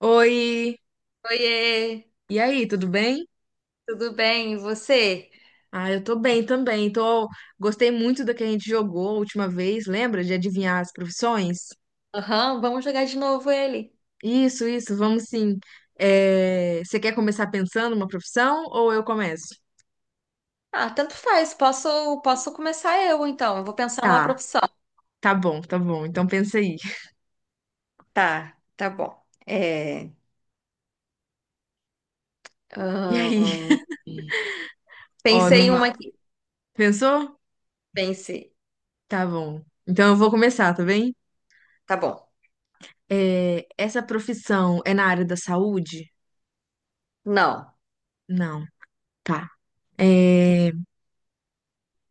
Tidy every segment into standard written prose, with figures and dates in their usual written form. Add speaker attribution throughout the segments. Speaker 1: Oi,
Speaker 2: Oiê,
Speaker 1: e aí, tudo bem?
Speaker 2: tudo bem? E você?
Speaker 1: Ah, eu tô bem também. Gostei muito da que a gente jogou a última vez, lembra? De adivinhar as profissões?
Speaker 2: Aham, vamos jogar de novo ele.
Speaker 1: Isso, vamos sim. Você quer começar pensando uma profissão ou eu começo?
Speaker 2: Ah, tanto faz. Posso começar eu, então. Eu vou pensar numa
Speaker 1: Tá,
Speaker 2: profissão.
Speaker 1: tá bom, tá bom. Então pensa aí.
Speaker 2: Tá, tá bom.
Speaker 1: E aí?
Speaker 2: Ahn,
Speaker 1: Ó,
Speaker 2: pensei
Speaker 1: não
Speaker 2: em
Speaker 1: vai.
Speaker 2: uma aqui.
Speaker 1: Pensou?
Speaker 2: Pensei.
Speaker 1: Tá bom. Então eu vou começar, tá bem?
Speaker 2: Tá bom.
Speaker 1: Essa profissão é na área da saúde?
Speaker 2: Não.
Speaker 1: Não. Tá. É,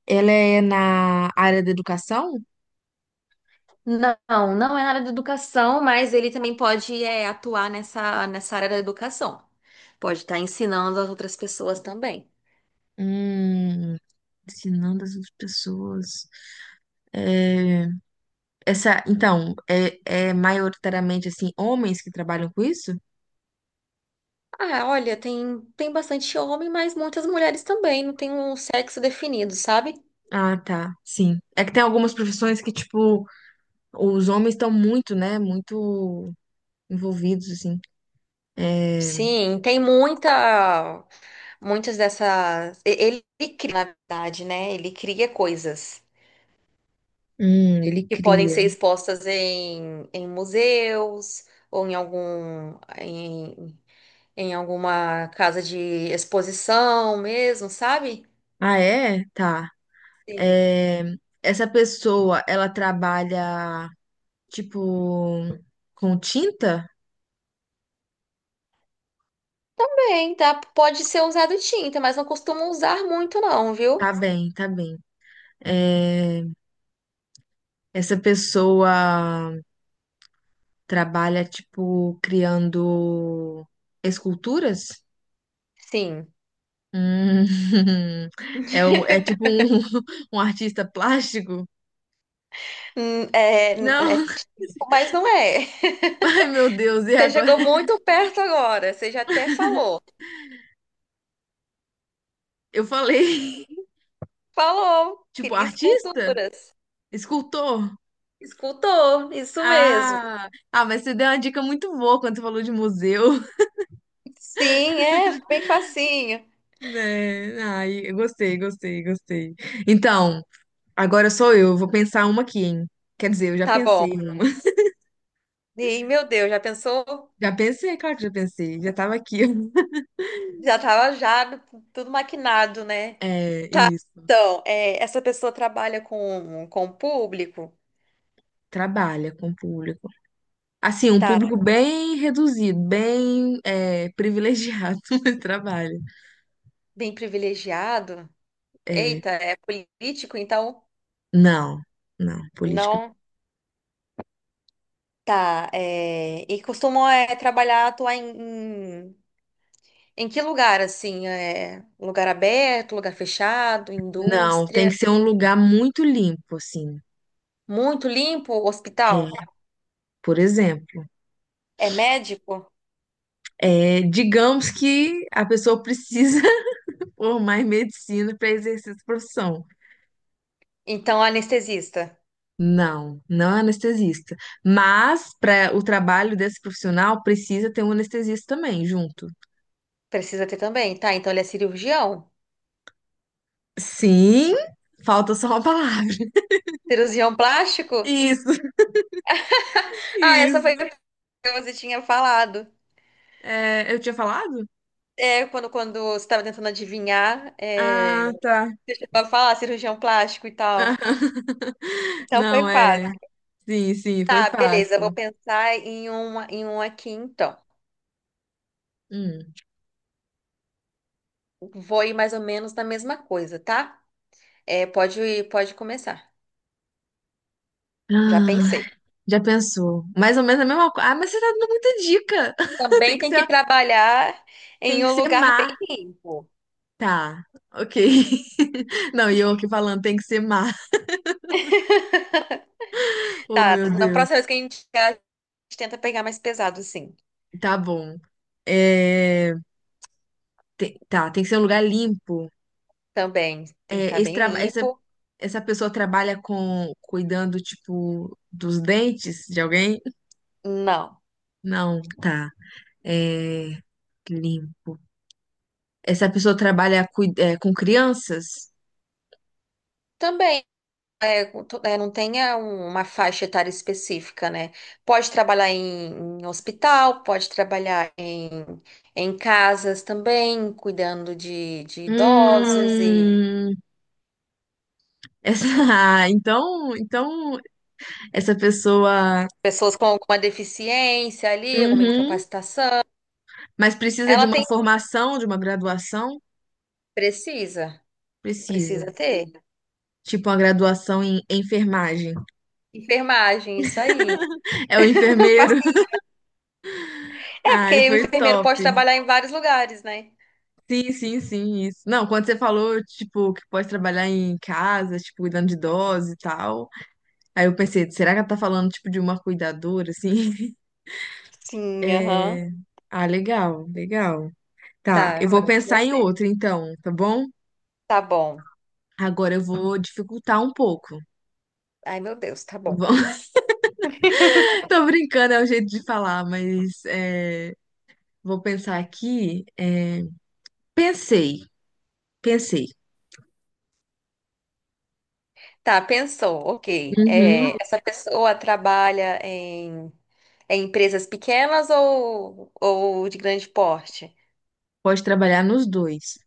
Speaker 1: Ela é na área da educação?
Speaker 2: Não, não é na área da educação, mas ele também pode atuar nessa, nessa área da educação. Pode estar ensinando as outras pessoas também.
Speaker 1: Hum, ensinando as outras pessoas. É, Essa, então, é maioritariamente assim, homens que trabalham com isso?
Speaker 2: Ah, olha, tem bastante homem, mas muitas mulheres também, não tem um sexo definido, sabe?
Speaker 1: Ah, tá, sim. É que tem algumas profissões que, tipo, os homens estão muito, né? Muito envolvidos, assim. É,
Speaker 2: Sim, muitas dessas. Ele cria, na verdade, né? Ele cria coisas
Speaker 1: ele
Speaker 2: que podem ser
Speaker 1: cria.
Speaker 2: expostas em, em museus ou em em, em alguma casa de exposição mesmo, sabe?
Speaker 1: Ah, é? Tá.
Speaker 2: Sim.
Speaker 1: É, essa pessoa, ela trabalha, tipo, com tinta?
Speaker 2: Bem, tá? Pode ser usado tinta, mas não costumo usar muito, não, viu?
Speaker 1: Tá bem, tá bem. É, essa pessoa, trabalha, tipo, criando esculturas?
Speaker 2: Sim.
Speaker 1: Hum, é tipo um, um artista plástico?
Speaker 2: É, é
Speaker 1: Não,
Speaker 2: tipo, mas não é.
Speaker 1: ai meu Deus, e
Speaker 2: Você
Speaker 1: agora?
Speaker 2: chegou muito perto agora. Você já até falou.
Speaker 1: Eu falei,
Speaker 2: Falou,
Speaker 1: tipo,
Speaker 2: queria
Speaker 1: artista?
Speaker 2: esculturas.
Speaker 1: Escultor?
Speaker 2: Escultor, isso mesmo.
Speaker 1: Ah, ah, mas você deu uma dica muito boa quando você falou de museu,
Speaker 2: Sim, é bem facinho.
Speaker 1: né? Ai, eu gostei, gostei, gostei. Então, agora sou eu, vou pensar uma aqui, hein? Quer dizer, eu já
Speaker 2: Tá bom.
Speaker 1: pensei numa.
Speaker 2: E meu Deus, já pensou?
Speaker 1: Já pensei, claro que já pensei, já tava aqui.
Speaker 2: Já tava já tudo maquinado, né?
Speaker 1: É, isso.
Speaker 2: Então, é, essa pessoa trabalha com o público,
Speaker 1: Trabalha com o público. Assim, um
Speaker 2: tá
Speaker 1: público bem reduzido, bem privilegiado, mas trabalha.
Speaker 2: bem privilegiado.
Speaker 1: É,
Speaker 2: Eita, é político, então
Speaker 1: não, não, política.
Speaker 2: não. Tá, é, e costumam trabalhar, atuar em que lugar, assim? É, lugar aberto, lugar fechado,
Speaker 1: Não, tem
Speaker 2: indústria?
Speaker 1: que ser um lugar muito limpo, assim.
Speaker 2: Muito limpo,
Speaker 1: É,
Speaker 2: hospital?
Speaker 1: por exemplo,
Speaker 2: É médico?
Speaker 1: digamos que a pessoa precisa formar em medicina para exercer essa profissão.
Speaker 2: Então, anestesista.
Speaker 1: Não, não é anestesista. Mas para o trabalho desse profissional precisa ter um anestesista também junto.
Speaker 2: Precisa ter também, tá? Então, ele é cirurgião?
Speaker 1: Sim, falta só uma palavra.
Speaker 2: Cirurgião plástico?
Speaker 1: Isso,
Speaker 2: Ah, essa foi a
Speaker 1: isso.
Speaker 2: que você tinha falado.
Speaker 1: É, eu tinha falado?
Speaker 2: É, quando você estava tentando adivinhar, é,
Speaker 1: Ah, tá.
Speaker 2: você chegou a falar cirurgião plástico e tal. Então, foi
Speaker 1: Não,
Speaker 2: fácil.
Speaker 1: é. Sim, sim, foi
Speaker 2: Ah, beleza, eu vou
Speaker 1: fácil.
Speaker 2: pensar em um aqui, então.
Speaker 1: Hum.
Speaker 2: Vou ir mais ou menos na mesma coisa, tá? É, pode ir, pode começar. Já
Speaker 1: Ah,
Speaker 2: pensei.
Speaker 1: já pensou. Mais ou menos a mesma coisa. Ah, mas você tá dando muita dica. Tem
Speaker 2: Também
Speaker 1: que
Speaker 2: tem
Speaker 1: ser,
Speaker 2: que trabalhar
Speaker 1: tem
Speaker 2: em
Speaker 1: que
Speaker 2: um
Speaker 1: ser
Speaker 2: lugar bem
Speaker 1: má.
Speaker 2: limpo.
Speaker 1: Tá, ok. Não, e eu aqui falando, tem que ser má. Oh,
Speaker 2: Tá,
Speaker 1: meu
Speaker 2: na próxima
Speaker 1: Deus.
Speaker 2: vez que a gente chegar, a gente tenta pegar mais pesado, sim.
Speaker 1: Tá bom. É, tá, tem que ser um lugar limpo.
Speaker 2: Também tem que estar
Speaker 1: Esse
Speaker 2: bem
Speaker 1: trabalho.
Speaker 2: limpo.
Speaker 1: Essa pessoa trabalha com cuidando, tipo, dos dentes de alguém?
Speaker 2: Não.
Speaker 1: Não, tá. É, limpo. Essa pessoa trabalha com crianças?
Speaker 2: Também é, não tenha uma faixa etária específica, né? Pode trabalhar em hospital, pode trabalhar em casas também, cuidando de idosos.
Speaker 1: Hum, essa, ah, então essa pessoa,
Speaker 2: Pessoas com alguma deficiência ali, alguma
Speaker 1: uhum,
Speaker 2: incapacitação.
Speaker 1: mas precisa de
Speaker 2: Ela
Speaker 1: uma
Speaker 2: tem.
Speaker 1: formação, de uma graduação?
Speaker 2: Precisa.
Speaker 1: Precisa.
Speaker 2: Precisa ter.
Speaker 1: Tipo uma graduação em enfermagem.
Speaker 2: Enfermagem, isso aí.
Speaker 1: É o enfermeiro.
Speaker 2: Passe- É,
Speaker 1: Ai,
Speaker 2: porque o
Speaker 1: foi
Speaker 2: enfermeiro
Speaker 1: top.
Speaker 2: pode trabalhar em vários lugares, né?
Speaker 1: Sim, sim, sim, isso. Não, quando você falou, tipo, que pode trabalhar em casa, tipo, cuidando de idosos e tal, aí eu pensei, será que ela tá falando, tipo, de uma cuidadora, assim?
Speaker 2: Sim, aham.
Speaker 1: É... Ah, legal, legal. Tá,
Speaker 2: Tá,
Speaker 1: eu vou
Speaker 2: agora
Speaker 1: pensar em
Speaker 2: você.
Speaker 1: outra, então, tá bom?
Speaker 2: Tá bom.
Speaker 1: Agora eu vou dificultar um pouco.
Speaker 2: Ai, meu Deus, tá bom.
Speaker 1: Vou- Tô brincando, é o jeito de falar, mas vou pensar aqui. Pensei, pensei.
Speaker 2: Tá, pensou, ok.
Speaker 1: Uhum.
Speaker 2: É, essa pessoa trabalha em empresas pequenas ou de grande porte?
Speaker 1: Pode trabalhar nos dois.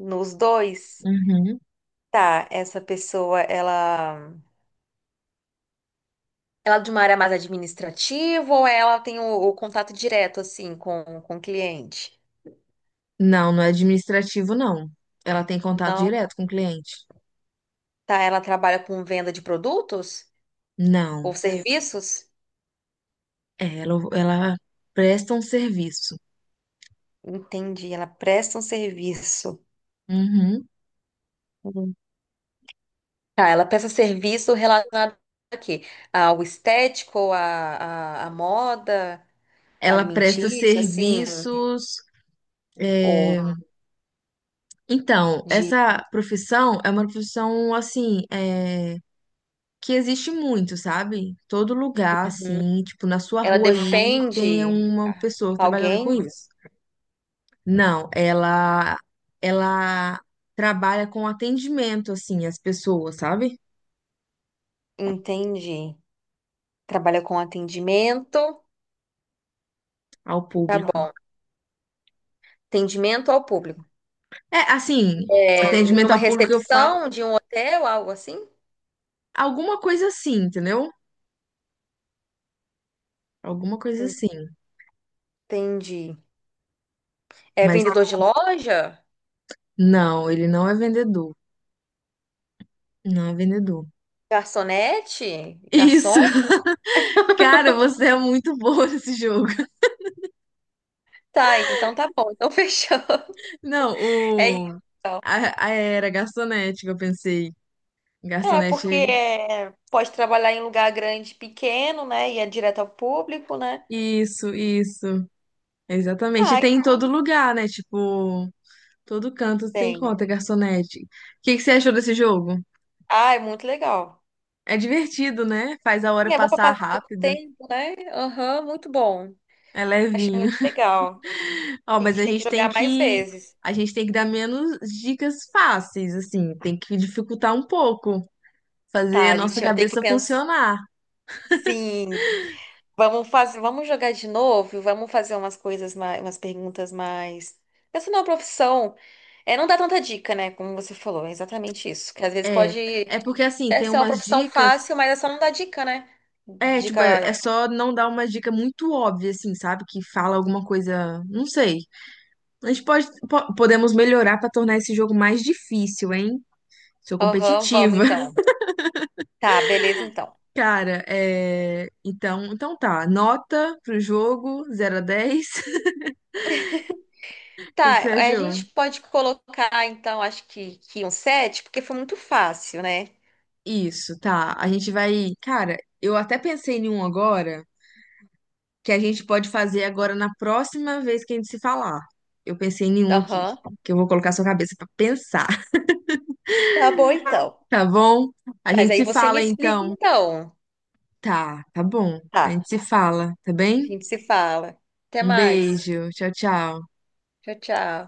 Speaker 2: Nos dois?
Speaker 1: Uhum.
Speaker 2: Tá, essa pessoa, ela. Ela é de uma área mais administrativa ou ela tem o contato direto, assim, com o cliente?
Speaker 1: Não, não é administrativo, não. Ela tem contato
Speaker 2: Não?
Speaker 1: direto com o cliente.
Speaker 2: Tá, ela trabalha com venda de produtos
Speaker 1: Não.
Speaker 2: ou serviços?
Speaker 1: Ela presta um serviço.
Speaker 2: Entendi, ela presta um serviço.
Speaker 1: Uhum.
Speaker 2: Uhum. Tá, ela presta serviço relacionado a quê? Ao à moda,
Speaker 1: Ela presta
Speaker 2: alimentícia, assim,
Speaker 1: serviços. é,
Speaker 2: ou
Speaker 1: Então,
Speaker 2: de...
Speaker 1: essa profissão é uma profissão assim, que existe muito, sabe? Todo lugar, assim, tipo, na sua
Speaker 2: Ela
Speaker 1: rua aí tem
Speaker 2: defende
Speaker 1: uma pessoa trabalhando com
Speaker 2: alguém?
Speaker 1: isso. Não, ela trabalha com atendimento, assim, às pessoas, sabe?
Speaker 2: Entendi. Trabalha com atendimento.
Speaker 1: Ao
Speaker 2: Tá
Speaker 1: público.
Speaker 2: bom. Atendimento ao público.
Speaker 1: Assim,
Speaker 2: É,
Speaker 1: atendimento
Speaker 2: numa
Speaker 1: ao público eu falo
Speaker 2: recepção de um hotel, algo assim?
Speaker 1: alguma coisa assim, entendeu? Alguma coisa assim.
Speaker 2: Entendi. É
Speaker 1: Mas
Speaker 2: vendedor de loja?
Speaker 1: não, ele não é vendedor. Não é vendedor.
Speaker 2: Garçonete?
Speaker 1: Isso!
Speaker 2: Garçom?
Speaker 1: Cara, você é muito boa nesse jogo.
Speaker 2: Tá, então tá bom. Então fechou. É,
Speaker 1: Não,
Speaker 2: isso.
Speaker 1: o. A era garçonete que eu pensei.
Speaker 2: É porque
Speaker 1: Garçonete.
Speaker 2: é, pode trabalhar em lugar grande, pequeno, né? E é direto ao público, né?
Speaker 1: Isso, isso. Exatamente. E
Speaker 2: Tá,
Speaker 1: tem em todo
Speaker 2: então
Speaker 1: lugar, né? Tipo, todo canto você
Speaker 2: tem.
Speaker 1: encontra garçonete. O que que você achou desse jogo?
Speaker 2: Ah, é muito legal.
Speaker 1: É divertido, né? Faz a hora
Speaker 2: E é bom para
Speaker 1: passar
Speaker 2: passar o
Speaker 1: rápido.
Speaker 2: tempo, né? Aham, muito bom.
Speaker 1: É
Speaker 2: Achei
Speaker 1: levinho.
Speaker 2: muito legal.
Speaker 1: Ó,
Speaker 2: A
Speaker 1: mas
Speaker 2: gente
Speaker 1: a
Speaker 2: tem que
Speaker 1: gente tem
Speaker 2: jogar mais
Speaker 1: que
Speaker 2: vezes.
Speaker 1: a gente tem que dar menos dicas fáceis, assim, tem que dificultar um pouco, fazer
Speaker 2: Tá,
Speaker 1: a
Speaker 2: a
Speaker 1: nossa
Speaker 2: gente vai ter que
Speaker 1: cabeça
Speaker 2: pensar.
Speaker 1: funcionar.
Speaker 2: Sim. Vamos fazer, vamos jogar de novo, vamos fazer umas coisas mais, umas perguntas mais. Essa não é uma profissão. É, não dá tanta dica, né? Como você falou, é exatamente isso. Que às vezes
Speaker 1: É,
Speaker 2: pode
Speaker 1: é porque assim, tem
Speaker 2: ser uma
Speaker 1: umas
Speaker 2: profissão
Speaker 1: dicas,
Speaker 2: fácil, mas é só não dar dica, né?
Speaker 1: tipo, é
Speaker 2: Dica.
Speaker 1: só não dar uma dica muito óbvia assim, sabe, que fala alguma coisa, não sei. A gente pode podemos melhorar pra tornar esse jogo mais difícil, hein? Sou
Speaker 2: Aham, vamos
Speaker 1: competitiva.
Speaker 2: então. Tá, beleza então.
Speaker 1: Cara, então, então, nota pro jogo 0 a 10, o que que você
Speaker 2: Tá, a
Speaker 1: achou?
Speaker 2: gente pode colocar então, acho que um 7, porque foi muito fácil, né?
Speaker 1: Isso, tá. A gente vai. Cara, eu até pensei em um agora que a gente pode fazer agora na próxima vez que a gente se falar. Eu pensei em um aqui,
Speaker 2: Aham.
Speaker 1: que eu vou colocar sua cabeça pra pensar,
Speaker 2: Tá bom então.
Speaker 1: tá bom? A
Speaker 2: Mas
Speaker 1: gente
Speaker 2: aí
Speaker 1: se
Speaker 2: você me
Speaker 1: fala
Speaker 2: explica
Speaker 1: então.
Speaker 2: então.
Speaker 1: Tá, tá bom.
Speaker 2: Tá,
Speaker 1: A gente se fala, tá
Speaker 2: a
Speaker 1: bem?
Speaker 2: gente se fala. Até
Speaker 1: Um
Speaker 2: mais.
Speaker 1: beijo. Tchau, tchau.
Speaker 2: Tchau, tchau.